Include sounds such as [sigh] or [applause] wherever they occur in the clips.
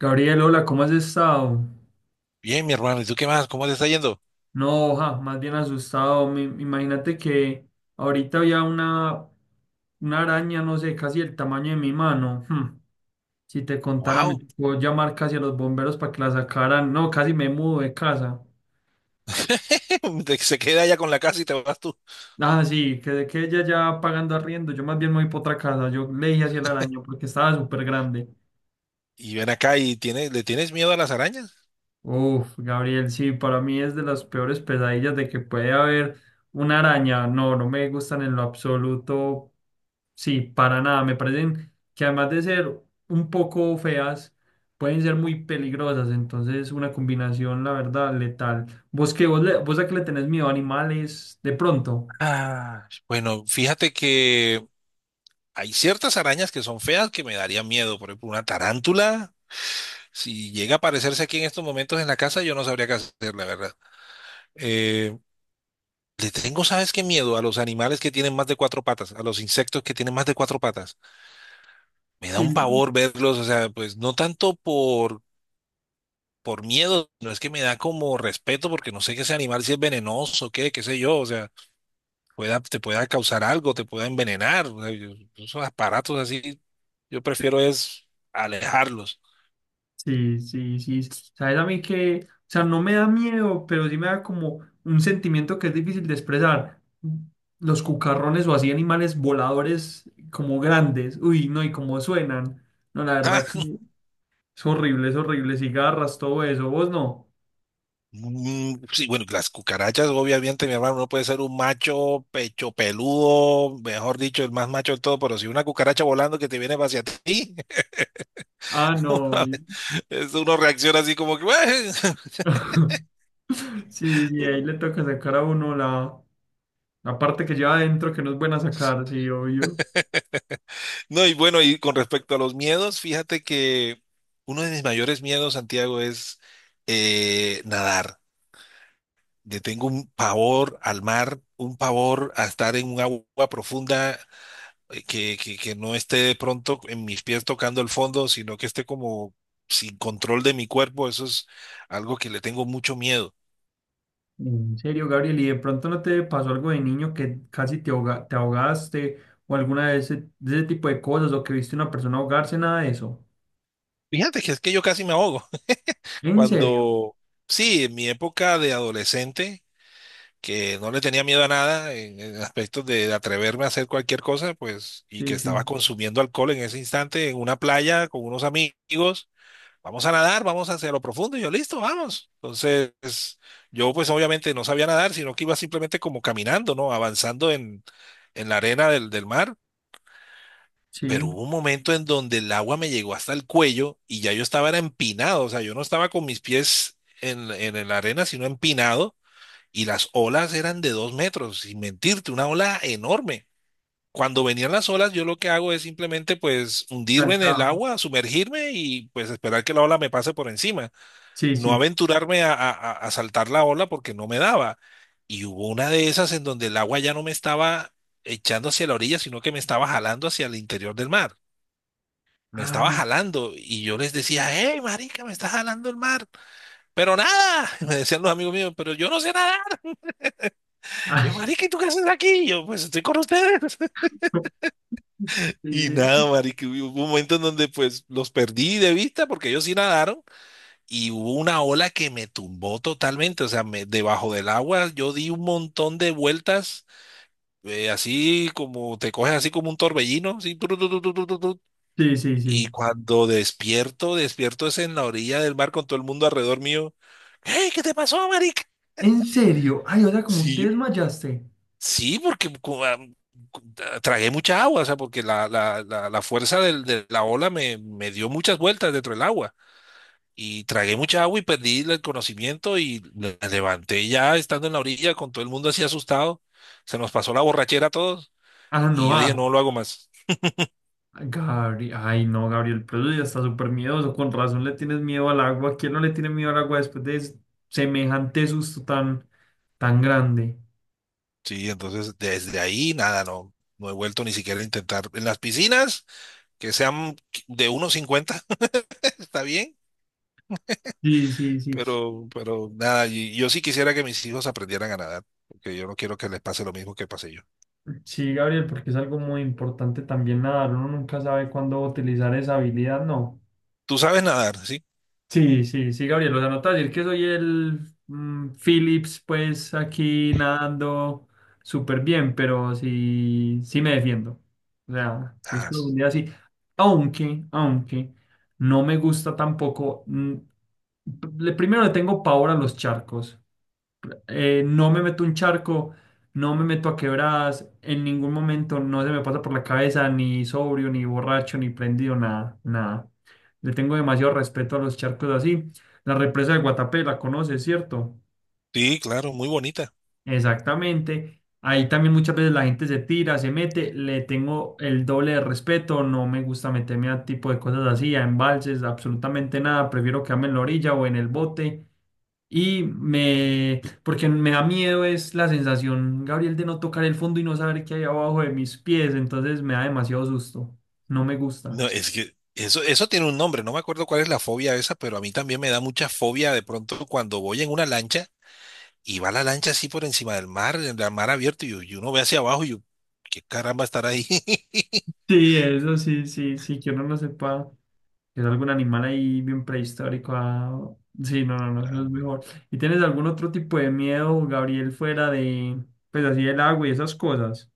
Gabriel, hola, ¿cómo has estado? Bien, mi hermano, ¿y tú qué más? ¿Cómo te está yendo? No, oja, más bien asustado. Imagínate que ahorita había una araña, no sé, casi el tamaño de mi mano. Si te contara, me ¡Wow! puedo llamar casi a los bomberos para que la sacaran. No, casi me mudo de casa. [laughs] Se queda allá con la casa y te vas tú. Ah, sí, que de que ella ya pagando arriendo, yo más bien me voy para otra casa. Yo le dije hacia el araño porque estaba súper grande. Y ven acá y tiene, ¿le tienes miedo a las arañas? Uf, Gabriel, sí, para mí es de las peores pesadillas de que puede haber una araña. No, no me gustan en lo absoluto. Sí, para nada. Me parecen que además de ser un poco feas, pueden ser muy peligrosas. Entonces, una combinación, la verdad, letal. ¿Vos qué? ¿Vos, vos a qué le tenés miedo? ¿Animales? De pronto. Ah, bueno, fíjate que hay ciertas arañas que son feas que me darían miedo. Por ejemplo, una tarántula, si llega a aparecerse aquí en estos momentos en la casa, yo no sabría qué hacer, la verdad. Eh, Le tengo, ¿sabes qué miedo? A los animales que tienen más de cuatro patas, a los insectos que tienen más de cuatro patas. Me da Sí, un pavor verlos, o sea, pues no tanto por miedo. No es que me da como respeto porque no sé que ese animal si es venenoso, qué, qué sé yo. O sea, pueda, te pueda causar algo, te pueda envenenar. O sea, esos aparatos así, yo prefiero es alejarlos. [laughs] sí, sí, sí. Sabes a mí que, o sea, no me da miedo, pero sí me da como un sentimiento que es difícil de expresar. Los cucarrones o así animales voladores como grandes. Uy, no, y cómo suenan. No, la verdad Ah, que es horrible, es horrible. Cigarras, todo eso. ¿Vos no? Sí, bueno, las cucarachas, obviamente, mi hermano, no puede ser un macho pecho peludo, mejor dicho, el más macho de todo, pero si una cucaracha volando que te viene hacia ti, Ah, [laughs] uno, no. Obvio. Uno reacciona así como que, "Ué", [laughs] [laughs] Sí, sí, ahí uno- le toca sacar a uno la parte que lleva adentro que no es buena sacar, sí, obvio. No, y bueno, y con respecto a los miedos, fíjate que uno de mis mayores miedos, Santiago, es nadar. Le tengo un pavor al mar, un pavor a estar en un agua profunda, que no esté de pronto en mis pies tocando el fondo, sino que esté como sin control de mi cuerpo. Eso es algo que le tengo mucho miedo. En serio, Gabriel, ¿y de pronto no te pasó algo de niño que casi te ahogaste o alguna de de ese tipo de cosas o que viste a una persona ahogarse, nada de eso? Fíjate que es que yo casi me ahogo. [laughs] ¿En serio? Cuando, sí, en mi época de adolescente que no le tenía miedo a nada en aspectos de atreverme a hacer cualquier cosa, pues, y que Sí, sí, estaba consumiendo alcohol en ese instante en una playa con unos amigos. Vamos a nadar, vamos hacia lo profundo. Y yo, listo, vamos. Entonces, yo pues obviamente no sabía nadar, sino que iba simplemente como caminando, ¿no? Avanzando en la arena del mar. Pero sí, hubo un momento en donde el agua me llegó hasta el cuello y ya yo estaba era empinado. O sea, yo no estaba con mis pies en la arena, sino empinado, y las olas eran de 2 metros, sin mentirte, una ola enorme. Cuando venían las olas, yo lo que hago es simplemente pues hundirme en el saltaba. agua, sumergirme y pues esperar que la ola me pase por encima. Sí, No sí. aventurarme a saltar la ola porque no me daba. Y hubo una de esas en donde el agua ya no me estaba echando hacia la orilla, sino que me estaba jalando hacia el interior del mar. Me estaba Ay, jalando y yo les decía, hey, marica, me está jalando el mar. Pero nada, [laughs] me decían los amigos míos, pero yo no sé nada. Yo, ay. marica, ¿y tú qué haces aquí? Y yo, pues estoy con ustedes. [laughs] [laughs] Sí, Y sí, nada, sí. marica, hubo un momento en donde pues los perdí de vista porque ellos sí nadaron y hubo una ola que me tumbó totalmente. O sea, debajo del agua yo di un montón de vueltas, así como te coges así como un torbellino, así, tru, tru, tru, tru, tru, tru, tru. Sí, sí, Y sí. cuando despierto, despierto es en la orilla del mar con todo el mundo alrededor mío. Hey, ¿qué te pasó, marica? ¿En serio? Ay, o sea, como Sí, te yo, desmayaste. sí, porque cu- tragué mucha agua. O sea, porque la fuerza de la ola me dio muchas vueltas dentro del agua y tragué mucha agua y perdí el conocimiento y me levanté ya estando en la orilla con todo el mundo así asustado. Se nos pasó la borrachera a todos Ah, y no, yo dije, no ah. lo hago más. Gabriel, ay no, Gabriel, pero eso ya está súper miedoso, con razón le tienes miedo al agua. ¿Quién no le tiene miedo al agua después de semejante susto tan, tan grande? Sí, entonces desde ahí nada, no, no he vuelto ni siquiera a intentar. En las piscinas, que sean de 1,50 [laughs] está bien. Sí, sí, sí. Pero nada, yo sí quisiera que mis hijos aprendieran a nadar, porque yo no quiero que les pase lo mismo que pasé yo. Sí, Gabriel, porque es algo muy importante también nadar. Uno nunca sabe cuándo utilizar esa habilidad, ¿no? ¿Tú sabes nadar, sí? Sí, sí, sí, Gabriel, lo anotas decir que soy el Phillips, pues aquí nadando súper bien, pero sí, sí me defiendo. O sea, si es Ah, profundidad, sí. Aunque, aunque no me gusta tampoco. Primero le tengo pavor a los charcos, no me meto un charco, no me meto a quebradas, en ningún momento no se me pasa por la cabeza ni sobrio, ni borracho, ni prendido, nada, nada. Le tengo demasiado respeto a los charcos así. La represa de Guatapé la conoces, ¿cierto? sí, claro, muy bonita. Exactamente. Ahí también muchas veces la gente se tira, se mete, le tengo el doble de respeto, no me gusta meterme a tipo de cosas así, a embalses, absolutamente nada, prefiero quedarme en la orilla o en el bote. Y me, porque me da miedo es la sensación, Gabriel, de no tocar el fondo y no saber qué hay abajo de mis pies, entonces me da demasiado susto, no me gusta. No, es que eso tiene un nombre, no me acuerdo cuál es la fobia esa, pero a mí también me da mucha fobia de pronto cuando voy en una lancha y va la lancha así por encima del mar, en el mar abierto, y uno ve hacia abajo y yo, ¿qué caramba estar ahí? [laughs] Sí, eso sí, sí, sí, que uno no sepa. Es algún animal ahí bien prehistórico. Sí, no, no, no, Ah, eso es mejor. ¿Y tienes algún otro tipo de miedo, Gabriel, fuera de, pues así, el agua y esas cosas?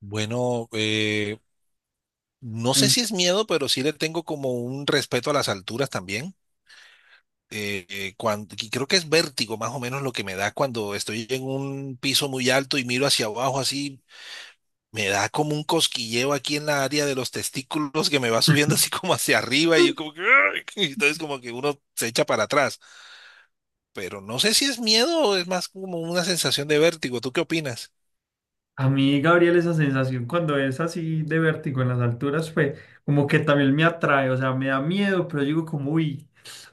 Bueno, no sé Ay. si es miedo, pero sí le tengo como un respeto a las alturas también. Cuando, y creo que es vértigo más o menos lo que me da cuando estoy en un piso muy alto y miro hacia abajo así, me da como un cosquilleo aquí en la área de los testículos que me va subiendo [laughs] así como hacia arriba y yo como que, "Ay", [laughs] y entonces como que uno se echa para atrás, pero no sé si es miedo o es más como una sensación de vértigo. ¿Tú qué opinas? A mí, Gabriel, esa sensación cuando es así de vértigo en las alturas, pues como que también me atrae, o sea, me da miedo, pero digo como, uy,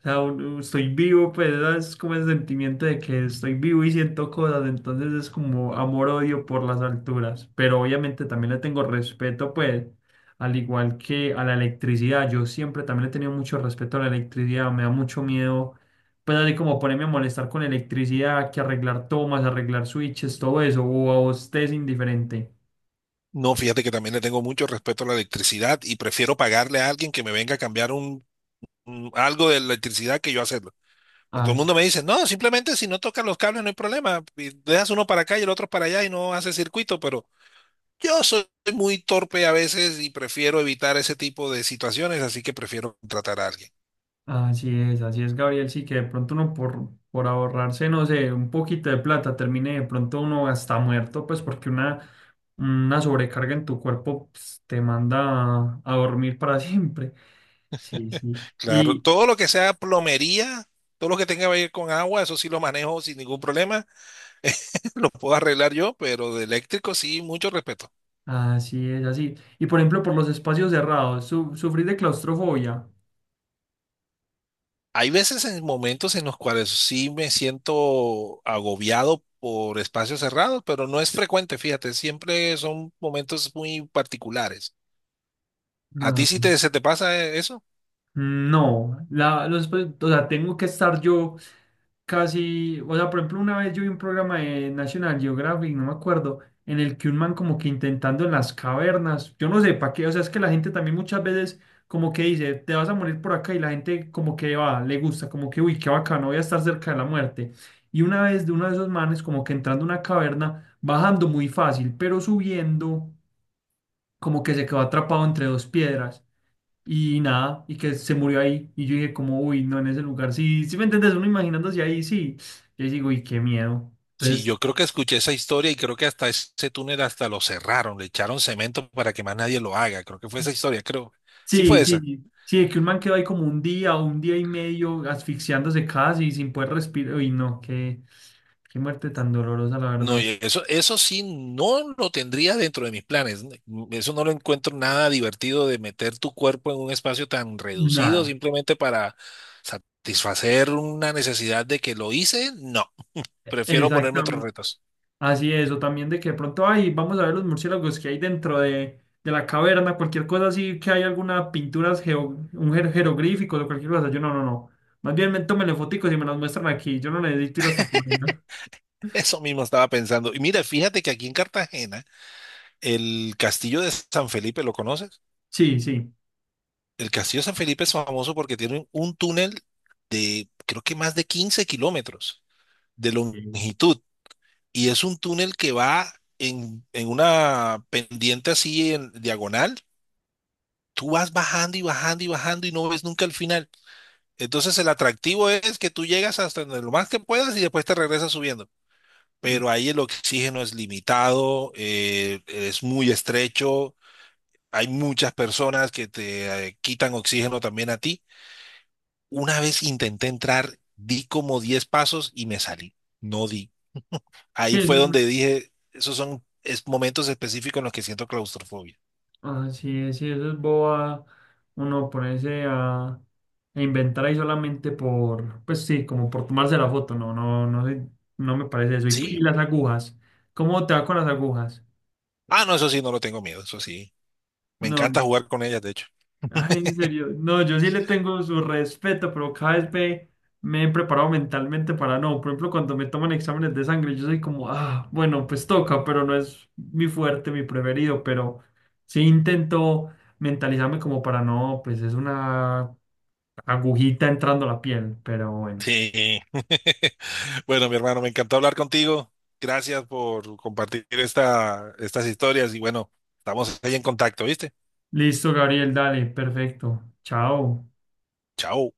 o sea, estoy vivo, pues es como el sentimiento de que estoy vivo y siento cosas, entonces es como amor-odio por las alturas, pero obviamente también le tengo respeto, pues, al igual que a la electricidad, yo siempre también le he tenido mucho respeto a la electricidad, me da mucho miedo pues así como ponerme a molestar con electricidad, que arreglar tomas, arreglar switches, todo eso, o a vos te es indiferente. No, fíjate que también le tengo mucho respeto a la electricidad y prefiero pagarle a alguien que me venga a cambiar algo de electricidad que yo hacerlo. Pues todo el mundo Así, me dice, no, simplemente si no tocas los cables no hay problema. Y dejas uno para acá y el otro para allá y no hace circuito, pero yo soy muy torpe a veces y prefiero evitar ese tipo de situaciones, así que prefiero contratar a alguien. Así es, Gabriel. Sí, que de pronto uno por ahorrarse, no sé, un poquito de plata, termine de pronto uno hasta muerto, pues porque una sobrecarga en tu cuerpo pues, te manda a dormir para [laughs] siempre. Sí, sí. Claro, Y todo lo que sea plomería, todo lo que tenga que ver con agua, eso sí lo manejo sin ningún problema, [laughs] lo puedo arreglar yo, pero de eléctrico sí, mucho respeto. así es, así. Y por ejemplo, por los espacios cerrados, ¿sufrís de claustrofobia? Hay veces en momentos en los cuales sí me siento agobiado por espacios cerrados, pero no es frecuente, fíjate, siempre son momentos muy particulares. ¿A ti No. sí te, se te pasa eso? No, pues, o sea, tengo que estar yo casi, o sea, por ejemplo, una vez yo vi un programa de National Geographic, no me acuerdo, en el que un man como que intentando en las cavernas, yo no sé para qué, o sea, es que la gente también muchas veces como que dice, te vas a morir por acá y la gente como que va, le gusta, como que, uy, qué bacano, voy a estar cerca de la muerte. Y una vez de uno de esos manes como que entrando a una caverna, bajando muy fácil, pero subiendo como que se quedó atrapado entre dos piedras y nada, y que se murió ahí. Y yo dije como, uy, no, en ese lugar, sí, sí me entiendes, uno imaginándose ahí, sí. Y ahí digo, uy, qué miedo. Sí, Entonces, yo creo que escuché esa historia y creo que hasta ese túnel hasta lo cerraron, le echaron cemento para que más nadie lo haga. Creo que fue esa historia, creo. Sí fue sí, sí, esa. sí, de que un man quedó ahí como un día o un día y medio asfixiándose casi sin poder respirar. Uy, no, qué, qué muerte tan dolorosa, la No, verdad. y eso sí no lo tendría dentro de mis planes. Eso no lo encuentro nada divertido de meter tu cuerpo en un espacio tan reducido Nada, simplemente para satisfacer una necesidad de que lo hice. No, prefiero ponerme otros exactamente. retos. Así es, o también de que de pronto, ay, vamos a ver los murciélagos que hay dentro de la caverna, cualquier cosa así, que hay alguna pintura, jeroglífico o cualquier cosa. Yo no, no, no. Más bien, me, tómenle foticos y me las muestran aquí. Yo no necesito ir hasta por allá. [laughs] Eso mismo estaba pensando. Y mira, fíjate que aquí en Cartagena, el castillo de San Felipe, ¿lo conoces? Sí, sí. El castillo de San Felipe es famoso porque tiene un túnel de creo que más de 15 kilómetros de Ok. longitud, y es un túnel que va en una pendiente así en diagonal. Tú vas bajando y bajando y bajando y no ves nunca el final. Entonces el atractivo es que tú llegas hasta donde lo más que puedas y después te regresas subiendo. Pero ahí el oxígeno es limitado, es muy estrecho, hay muchas personas que te quitan oxígeno también a ti. Una vez intenté entrar, di como 10 pasos y me salí. No di. Sí, Ahí eso fue donde es, dije, esos son es momentos específicos en los que siento claustrofobia. ah, sí, sí, eso es boba. Uno ponerse a inventar ahí solamente por, pues sí, como por tomarse la foto. No, no, no, sé, no me parece eso. Y Sí. las agujas. ¿Cómo te va con las agujas? Ah, no, eso sí, no lo tengo miedo, eso sí. Me No. encanta jugar con ellas, de hecho. Ay, en serio, no, yo sí le tengo su respeto, pero cada vez me, me he preparado mentalmente para no. Por ejemplo, cuando me toman exámenes de sangre, yo soy como, ah, bueno, pues toca, pero no es mi fuerte, mi preferido, pero sí intento mentalizarme como para no, pues es una agujita entrando a la piel, pero bueno. Sí. [laughs] Bueno, mi hermano, me encantó hablar contigo. Gracias por compartir esta, estas historias y bueno, estamos ahí en contacto, ¿viste? Listo, Gabriel, dale, perfecto. Chao. Chao.